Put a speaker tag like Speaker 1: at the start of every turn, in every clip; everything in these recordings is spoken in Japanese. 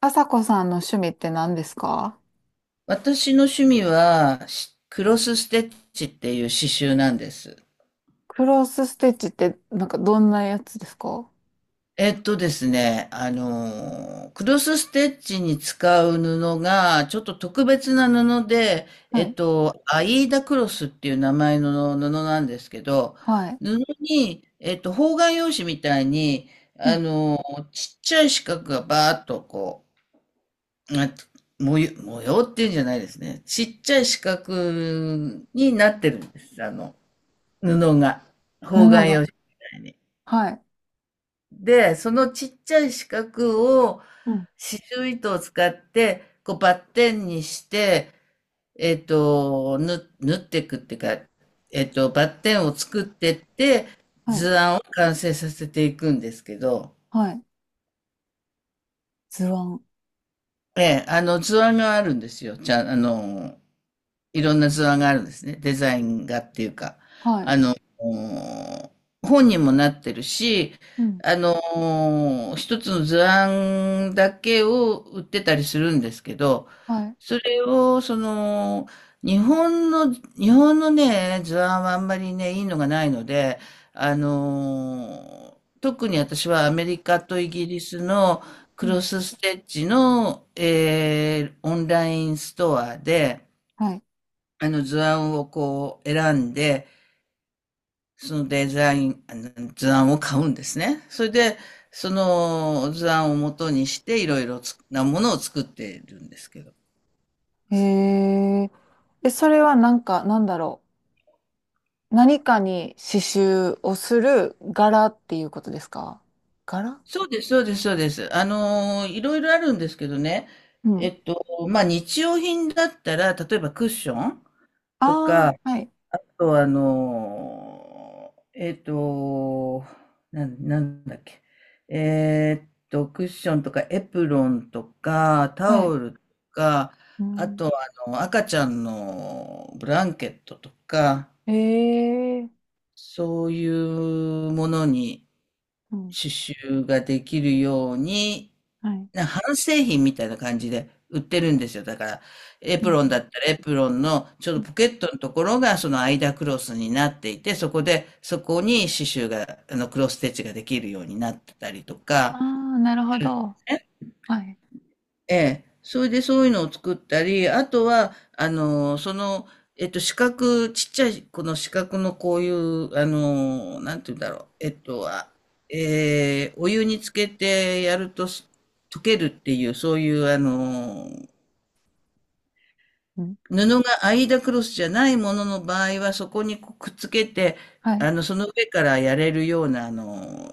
Speaker 1: あさこさんの趣味って何ですか？
Speaker 2: 私の趣味は、クロスステッチっていう刺繍なんです。
Speaker 1: クロスステッチってなんかどんなやつですか？
Speaker 2: クロスステッチに使う布が、ちょっと特別な布で、
Speaker 1: はい。
Speaker 2: アイーダクロスっていう名前の布なんですけど、
Speaker 1: はい。
Speaker 2: 布に、方眼用紙みたいに、
Speaker 1: うん。
Speaker 2: ちっちゃい四角がバーっとこう、模様っていうんじゃないですね。ちっちゃい四角になってるんです。布が、方
Speaker 1: 布
Speaker 2: 眼用
Speaker 1: が。
Speaker 2: 紙みたいに。
Speaker 1: はい。
Speaker 2: で、そのちっちゃい四角を
Speaker 1: うん。
Speaker 2: 刺繍糸を使って、こうバッテンにして、縫っていくっていうか、バッテンを作ってって、
Speaker 1: はい。
Speaker 2: 図案を完成させていくんですけど、
Speaker 1: はい。図案。
Speaker 2: ええ、図案があるんですよ。じゃあ、いろんな図案があるんですね。デザインがっていうか、
Speaker 1: はい。
Speaker 2: あの、本にもなってるし、
Speaker 1: うん。
Speaker 2: 一つの図案だけを売ってたりするんですけど、
Speaker 1: はい。
Speaker 2: それを、日本のね、図案はあんまりね、いいのがないので、特に私はアメリカとイギリスの
Speaker 1: う
Speaker 2: クロ
Speaker 1: ん。
Speaker 2: スステッチの、オンラインストアで、
Speaker 1: はい。
Speaker 2: あの図案をこう選んで、そのデザイン、あの図案を買うんですね。それで、その図案を元にしていろいろなものを作っているんですけど。
Speaker 1: えー。え、それはなんか、何かに刺繍をする柄っていうことですか？柄。
Speaker 2: そうです、そうです、そうです。いろいろあるんですけどね。
Speaker 1: う
Speaker 2: え
Speaker 1: ん。
Speaker 2: っと、まあ、日用品だったら、例えばクッションと
Speaker 1: ああ、
Speaker 2: か、
Speaker 1: はい。
Speaker 2: と、あの、えっと、なんだっけ。クッションとかエプロンとか、タ
Speaker 1: はい。
Speaker 2: オルとか、
Speaker 1: う
Speaker 2: あ
Speaker 1: ん。
Speaker 2: と、赤ちゃんのブランケットとか、
Speaker 1: えー。
Speaker 2: そういうものに
Speaker 1: うん。
Speaker 2: 刺繍ができるように、
Speaker 1: はい。
Speaker 2: な半製品みたいな感じで売ってるんですよ。だから、エ
Speaker 1: う
Speaker 2: プロン
Speaker 1: ん。
Speaker 2: だったらエプロンのちょうどポケットのところがその間クロスになっていて、そこに刺繍が、クロスステッチができるようになってたりと
Speaker 1: あ
Speaker 2: か、
Speaker 1: あ、なるほど。
Speaker 2: ね、
Speaker 1: はい。
Speaker 2: ええ。それでそういうのを作ったり、あとは、四角、ちっちゃい、この四角のこういう、なんて言うんだろう。お湯につけてやると溶けるっていう、そういう、
Speaker 1: うん。
Speaker 2: 布がアイダクロスじゃないものの場合は、そこにこうくっつけて、
Speaker 1: はい。
Speaker 2: その上からやれるような、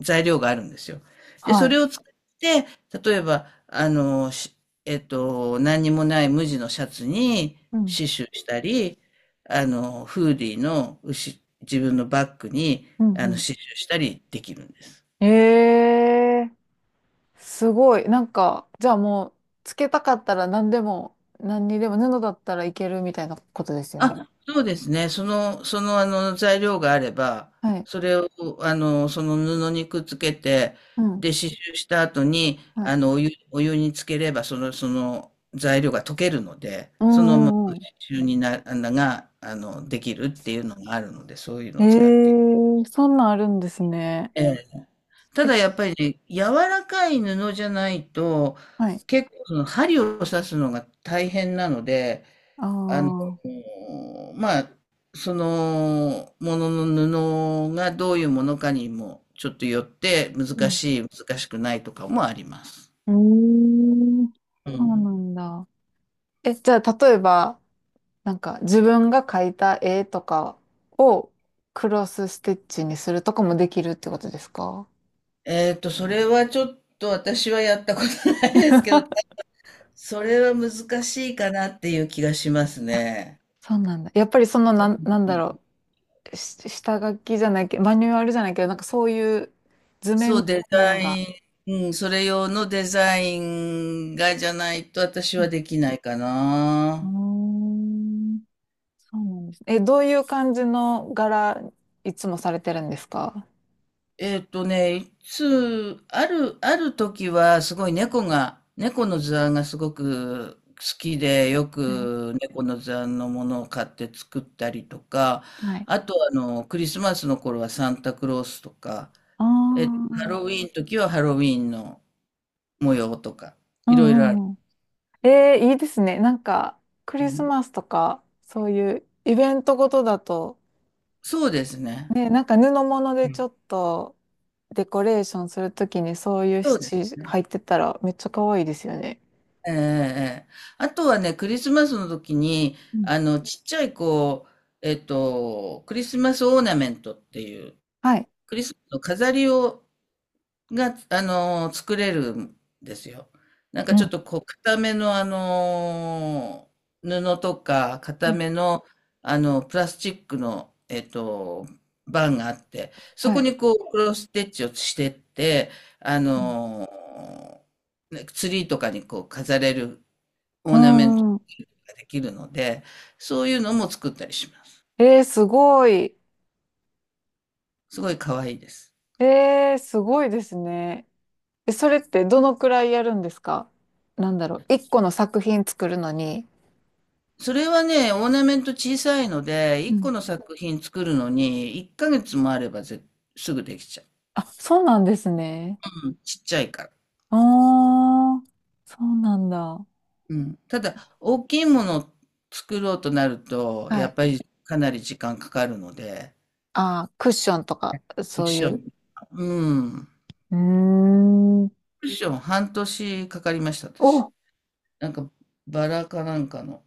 Speaker 2: 材料があるんですよ。で、
Speaker 1: は
Speaker 2: そ
Speaker 1: い。
Speaker 2: れを使って、例えば、何にもない無地のシャツに
Speaker 1: うん。
Speaker 2: 刺繍したり、フーディーの牛自分のバッグに、
Speaker 1: うん。うん。
Speaker 2: 刺繍したりできるんです。
Speaker 1: ええー、すごい。なんか、じゃあもう、つけたかったら何でも、何にでも布だったらいけるみたいなことですよね。
Speaker 2: あ、そうですね。材料があれば、
Speaker 1: はい。
Speaker 2: それを、その布にくっつけて、
Speaker 1: うん。
Speaker 2: で、刺繍した後に、
Speaker 1: はい。
Speaker 2: お湯につければ、その材料が溶けるので、
Speaker 1: う
Speaker 2: そのまま
Speaker 1: んうんう
Speaker 2: 刺
Speaker 1: ん。
Speaker 2: 繍にな、あのが、あの、できるっていうのがあるので、そういうの
Speaker 1: え
Speaker 2: を
Speaker 1: え
Speaker 2: 使って。
Speaker 1: ー、そんなんあるんですね。
Speaker 2: ええ。た
Speaker 1: え、
Speaker 2: だ、やっぱりね、柔らかい布じゃないと、
Speaker 1: はい。
Speaker 2: 結構、その針を刺すのが大変なので、
Speaker 1: あ
Speaker 2: あの、
Speaker 1: あ。
Speaker 2: まあ、そのものの布がどういうものかにもちょっとよって
Speaker 1: う
Speaker 2: 難
Speaker 1: ん。
Speaker 2: しい、難しくないとかもあります。
Speaker 1: うーん。
Speaker 2: う
Speaker 1: そうな
Speaker 2: ん。
Speaker 1: んだ。え、じゃあ、例えば、なんか自分が描いた絵とかをクロスステッチにするとかもできるってことですか？
Speaker 2: それはちょっと私はやったことないですけど、それは難しいかなっていう気がします
Speaker 1: あ、
Speaker 2: ね。
Speaker 1: そうなんだ。やっぱりそのなん、し下書きじゃないけど、マニュアルじゃないけど、なんかそういう図面
Speaker 2: そ
Speaker 1: み
Speaker 2: う、
Speaker 1: た
Speaker 2: デ
Speaker 1: いなの
Speaker 2: ザイ
Speaker 1: が。
Speaker 2: ン、うん、それ用のデザインがじゃないと私
Speaker 1: う
Speaker 2: は
Speaker 1: ん。
Speaker 2: できないか
Speaker 1: うー
Speaker 2: な。
Speaker 1: ん。そうなんですね。え、どういう感じの柄、いつもされてるんですか？
Speaker 2: いつ、ある、ある時はすごい猫の図案がすごく好きで、よ
Speaker 1: はい。
Speaker 2: く猫の図案のものを買って作ったりとか、
Speaker 1: はい。
Speaker 2: あとクリスマスの頃はサンタクロースとか、
Speaker 1: ああ、
Speaker 2: えっと、
Speaker 1: う
Speaker 2: ハ
Speaker 1: ん
Speaker 2: ロウィーンの時はハロウィーンの模様とか、
Speaker 1: う
Speaker 2: いろいろある。
Speaker 1: んうん。えー、いいですね。なんか、ク
Speaker 2: う
Speaker 1: リス
Speaker 2: ん、
Speaker 1: マスとか、そういうイベントごとだと、
Speaker 2: そうですね。
Speaker 1: ね、なんか布物
Speaker 2: う
Speaker 1: でちょ
Speaker 2: ん、
Speaker 1: っとデコレーションするときにそういう
Speaker 2: そ
Speaker 1: シ
Speaker 2: うです
Speaker 1: チ
Speaker 2: ね。
Speaker 1: 入ってたらめっちゃ可愛いですよね。
Speaker 2: ええええ。あとはね、クリスマスの時に、
Speaker 1: うん。
Speaker 2: ちっちゃいクリスマスオーナメントっていう、
Speaker 1: はい。
Speaker 2: クリスマスの飾りが、作れるんですよ。なんか
Speaker 1: う
Speaker 2: ちょっ
Speaker 1: ん
Speaker 2: とこう、固めの布とか、
Speaker 1: う
Speaker 2: 固
Speaker 1: ん。
Speaker 2: めの、プラスチックの、バンがあって、そ
Speaker 1: は
Speaker 2: こ
Speaker 1: い。
Speaker 2: にこう、クロスステッチをしてって、あ
Speaker 1: うん。
Speaker 2: の、ねツリーとかにこう飾れるオ
Speaker 1: う
Speaker 2: ー
Speaker 1: ー
Speaker 2: ナメント
Speaker 1: ん。
Speaker 2: ができるので、そういうのも作ったりします。
Speaker 1: えー、すごい。
Speaker 2: すごい可愛いです。
Speaker 1: えー、すごいですね。え、それってどのくらいやるんですか？なんだろう。一個の作品作るのに。
Speaker 2: それはね、オーナメント小さいので、
Speaker 1: う
Speaker 2: 1
Speaker 1: ん。
Speaker 2: 個の作品作るのに、1ヶ月もあればすぐできちゃ
Speaker 1: あ、そうなんですね。
Speaker 2: う。うん、ちっちゃいから。
Speaker 1: ああ、そうなんだ。
Speaker 2: うん。ただ、大きいものを作ろうとなると、
Speaker 1: は
Speaker 2: やっ
Speaker 1: い。
Speaker 2: ぱりかなり時間かかるので、
Speaker 1: ああ、クッションとか、
Speaker 2: クッ
Speaker 1: そう
Speaker 2: シ
Speaker 1: い
Speaker 2: ョン、
Speaker 1: う。
Speaker 2: うん。
Speaker 1: うーん。
Speaker 2: クッション半年かかりました、私。
Speaker 1: お、
Speaker 2: なんか、バラかなんかの。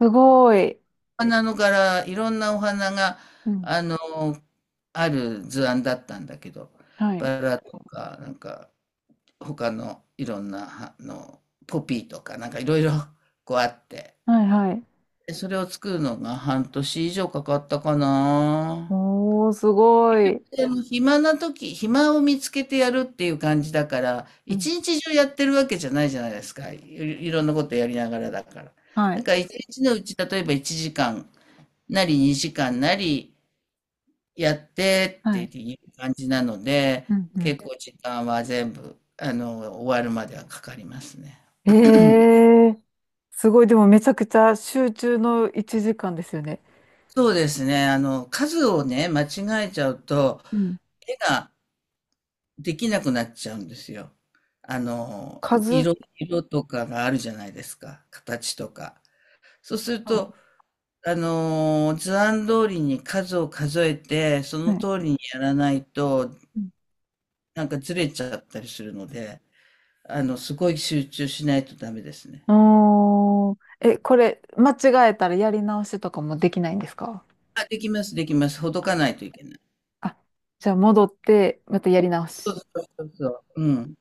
Speaker 1: すごい。
Speaker 2: 花の柄、いろんなお花が、
Speaker 1: うん。
Speaker 2: あの、ある図案だったんだけど、
Speaker 1: はい。
Speaker 2: バラとか、なんか、他のいろんな、ポピーとか、なんかいろいろ、こうあって、
Speaker 1: はいはい。
Speaker 2: でそれを作るのが半年以上かかったかな。
Speaker 1: おー、すごい。
Speaker 2: でも暇な時、暇を見つけてやるっていう感じだから、
Speaker 1: う
Speaker 2: 一
Speaker 1: ん。
Speaker 2: 日中やってるわけじゃないじゃないですか。いろんなことやりながらだから。
Speaker 1: は
Speaker 2: だ
Speaker 1: い。
Speaker 2: から一日のうち、例えば1時間なり2時間なり、やってっ
Speaker 1: は
Speaker 2: て
Speaker 1: い。
Speaker 2: いう感じなので、
Speaker 1: うん。うん。
Speaker 2: 結構時間は全部、終わるまではかかりますね。
Speaker 1: ええ、すごい。でもめちゃくちゃ集中の1時間ですよね。
Speaker 2: そうですね。数をね、間違えちゃうと、
Speaker 1: うん。
Speaker 2: 絵ができなくなっちゃうんですよ。あの、
Speaker 1: 数、
Speaker 2: 色とかがあるじゃないですか。形とか。そうする
Speaker 1: はい。
Speaker 2: と、図案通りに数を数えて、その
Speaker 1: はい。
Speaker 2: 通りにやらないと、
Speaker 1: うん。
Speaker 2: なんかずれちゃったりするので、すごい集中しないとダメですね。
Speaker 1: おー。え、これ、間違えたらやり直しとかもできないんですか？
Speaker 2: あ、できます、できます。ほどかないといけない。
Speaker 1: あ、じゃあ戻って、またやり直
Speaker 2: そう
Speaker 1: し。
Speaker 2: そうそうそう。うん。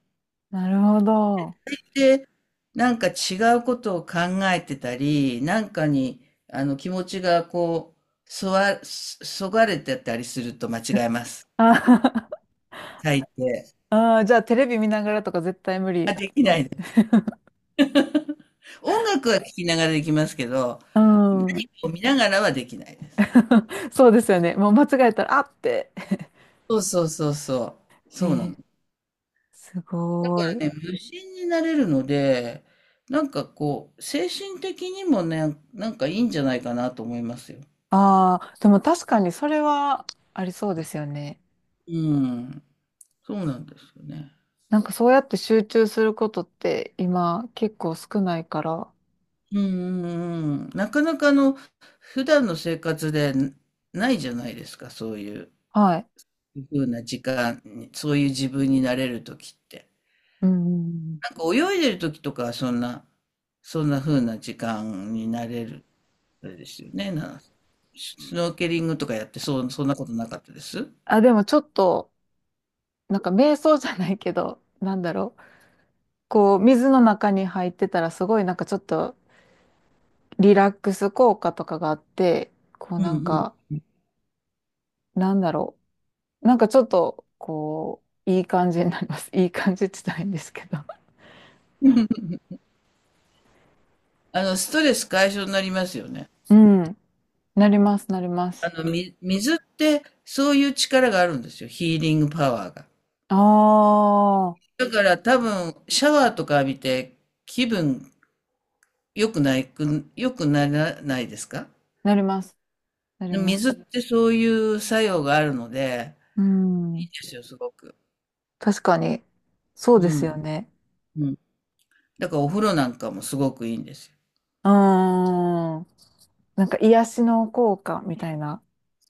Speaker 1: なるほど。
Speaker 2: で、なんか違うことを考えてたり、なんかに、気持ちがこう、そそがれてたりすると間違えます。
Speaker 1: あ。
Speaker 2: 大抵。
Speaker 1: あー、じゃあテレビ見ながらとか絶対無
Speaker 2: あ、
Speaker 1: 理
Speaker 2: でき
Speaker 1: で
Speaker 2: ない
Speaker 1: す。
Speaker 2: です。音楽は聴きながらできますけど、
Speaker 1: う
Speaker 2: 何
Speaker 1: ん。
Speaker 2: かを見ながらはできないです。
Speaker 1: そうですよね。もう間違えたら、あって。
Speaker 2: そうそうそうそう。
Speaker 1: え
Speaker 2: そうなの。
Speaker 1: ー、す
Speaker 2: だか
Speaker 1: ごい。
Speaker 2: らね、無心になれるので、なんかこう、精神的にもね、なんかいいんじゃないかなと思いますよ。
Speaker 1: ああ、でも確かにそれはありそうですよね。
Speaker 2: うん。そうなんですよね。
Speaker 1: なんかそうやって集中することって今結構少ないから。
Speaker 2: うんうんうん。なかなか普段の生活でないじゃないですか、そういう
Speaker 1: はい。
Speaker 2: ふうな時間に、そういう自分になれる時って。
Speaker 1: うんうんうん。
Speaker 2: なんか泳いでる時とかはそんなふうな時間になれる、あれですよね。スノーケリングとかやって、そう、そんなことなかったです。
Speaker 1: あ、でもちょっと、なんか瞑想じゃないけど、なんだろう。こう、水の中に入ってたらすごいなんかちょっとリラックス効果とかがあって、こう
Speaker 2: う
Speaker 1: なん
Speaker 2: ん
Speaker 1: か、なんだろう。なんかちょっと、こう、いい感じになります。いい感じって言ったらいいんですけど。
Speaker 2: うん。ストレス解消になりますよね。
Speaker 1: うん。なります、なります。
Speaker 2: 水ってそういう力があるんですよ。ヒーリングパワーが。
Speaker 1: ああ、
Speaker 2: だから多分、シャワーとか浴びて気分良くならないですか？
Speaker 1: なります、なります。
Speaker 2: 水ってそういう作用があるので、
Speaker 1: う
Speaker 2: い
Speaker 1: ん。
Speaker 2: いですよ、すごく。
Speaker 1: 確かに、そうで
Speaker 2: う
Speaker 1: す
Speaker 2: ん、
Speaker 1: よね。
Speaker 2: うん。だからお風呂なんかもすごくいいんですよ。
Speaker 1: うーん。なんか癒しの効果みたいな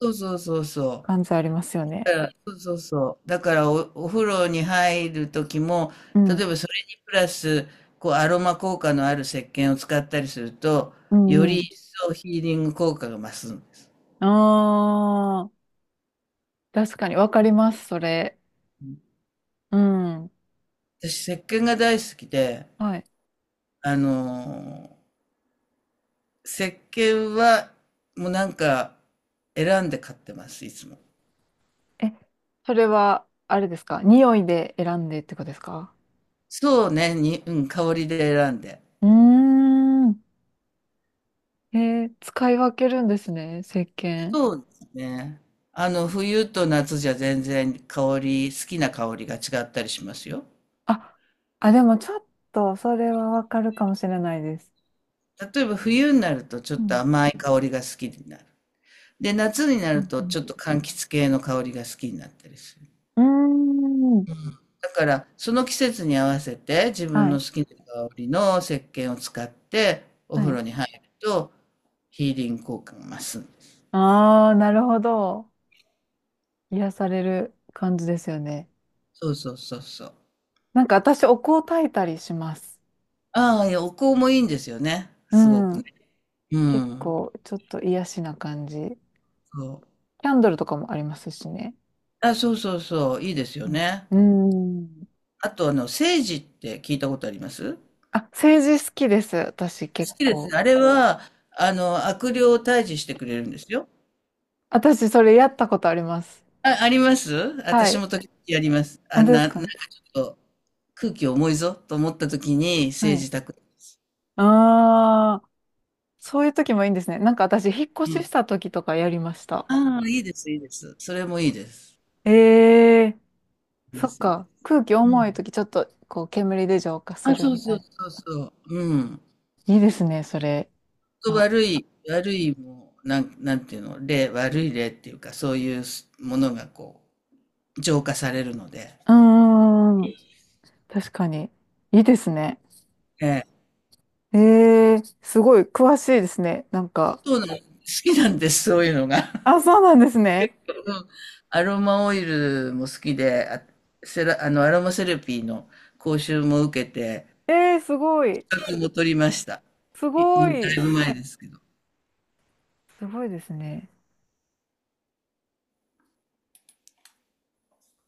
Speaker 2: そうそうそうそう。
Speaker 1: 感じありますよね。
Speaker 2: だから、そうそうそう。だからお風呂に入る時も、
Speaker 1: う
Speaker 2: 例
Speaker 1: ん。
Speaker 2: えばそれにプラス、こう、アロマ効果のある石鹸を使ったりすると、
Speaker 1: う
Speaker 2: よ
Speaker 1: んう
Speaker 2: り
Speaker 1: ん。
Speaker 2: 一層ヒーリング効果が増すんです。
Speaker 1: ああ。確かに、わかります、それ。うん。
Speaker 2: 私、石鹸が大好きで、
Speaker 1: はい。
Speaker 2: あの石鹸は、もうなんか、選んで買ってます、いつも。
Speaker 1: え、それは、あれですか？匂いで選んでってことですか？
Speaker 2: そうね、うん、香りで選んで。
Speaker 1: うーん。えー、使い分けるんですね、石鹸。
Speaker 2: そうですね。冬と夏じゃ全然好きな香りが違ったりしますよ。
Speaker 1: あ、あ、でもちょっと、それはわかるかもしれないです。
Speaker 2: 例えば冬になるとちょっ
Speaker 1: う
Speaker 2: と
Speaker 1: ん。
Speaker 2: 甘い香りが好きになる。で、夏にな
Speaker 1: う
Speaker 2: るとち
Speaker 1: ん
Speaker 2: ょっと柑橘系の香りが好きになったりする。
Speaker 1: うん。うーん。
Speaker 2: だから、その季節に合わせて、自分
Speaker 1: は
Speaker 2: の
Speaker 1: い。
Speaker 2: 好きな香りの石鹸を使って、お
Speaker 1: は
Speaker 2: 風
Speaker 1: い。
Speaker 2: 呂に入ると、ヒーリング効果が増すんです。
Speaker 1: ああ、なるほど。癒される感じですよね。
Speaker 2: そうそうそうそう。
Speaker 1: なんか私、お香焚いたりします。
Speaker 2: ああ、いや、お香もいいんですよね。すご
Speaker 1: う
Speaker 2: くね。
Speaker 1: ん。
Speaker 2: う
Speaker 1: 結
Speaker 2: ん。
Speaker 1: 構、ちょっと癒しな感じ。
Speaker 2: そう。
Speaker 1: キャンドルとかもありますしね。
Speaker 2: あ、そうそうそう、いいですよ
Speaker 1: うん
Speaker 2: ね。
Speaker 1: うーん。
Speaker 2: あと、セージって聞いたことあります？
Speaker 1: あ、政治好きです。私結
Speaker 2: 好きです。
Speaker 1: 構。
Speaker 2: あれは、悪霊を退治してくれるんですよ。
Speaker 1: 私それやったことあります。
Speaker 2: あ、あります。
Speaker 1: は
Speaker 2: 私
Speaker 1: い。
Speaker 2: も時々やります。
Speaker 1: あ、
Speaker 2: あ、
Speaker 1: です
Speaker 2: なんか
Speaker 1: か？
Speaker 2: ちょっと空気重いぞと思った時に
Speaker 1: は
Speaker 2: 政
Speaker 1: い。
Speaker 2: 治宅です。
Speaker 1: ああ、そういう時もいいんですね。なんか私、引っ越
Speaker 2: う
Speaker 1: しし
Speaker 2: ん。
Speaker 1: た時とかやりました。
Speaker 2: ああ、いいです、いいです。それもいいです。
Speaker 1: え。えー、
Speaker 2: いいで
Speaker 1: そっ
Speaker 2: す、いいで
Speaker 1: か。
Speaker 2: す。
Speaker 1: 空気
Speaker 2: う
Speaker 1: 重い
Speaker 2: ん。
Speaker 1: 時ちょっとこう煙で浄化す
Speaker 2: あ、
Speaker 1: る
Speaker 2: そう
Speaker 1: みた
Speaker 2: そ
Speaker 1: い
Speaker 2: う
Speaker 1: な。
Speaker 2: そうそう。うん。
Speaker 1: いいですね、それ。
Speaker 2: と
Speaker 1: あ、
Speaker 2: 悪いもう、なんていうの、悪い例っていうか、そういうものがこう、浄化されるので。
Speaker 1: うーん。確かに。いいですね。
Speaker 2: ええ。
Speaker 1: え。えー、すごい詳しいですね。なんか、
Speaker 2: そうなん、好きなんです、そういうのが。
Speaker 1: あ、そうなんですね。
Speaker 2: うん、アロマオイルも好きで、あ、セラ、あの、アロマセラピーの講習も受けて、
Speaker 1: えー、すごい。
Speaker 2: 資格も取りました。
Speaker 1: すご
Speaker 2: もうだい
Speaker 1: い。
Speaker 2: ぶ前ですけど。
Speaker 1: すごいですね。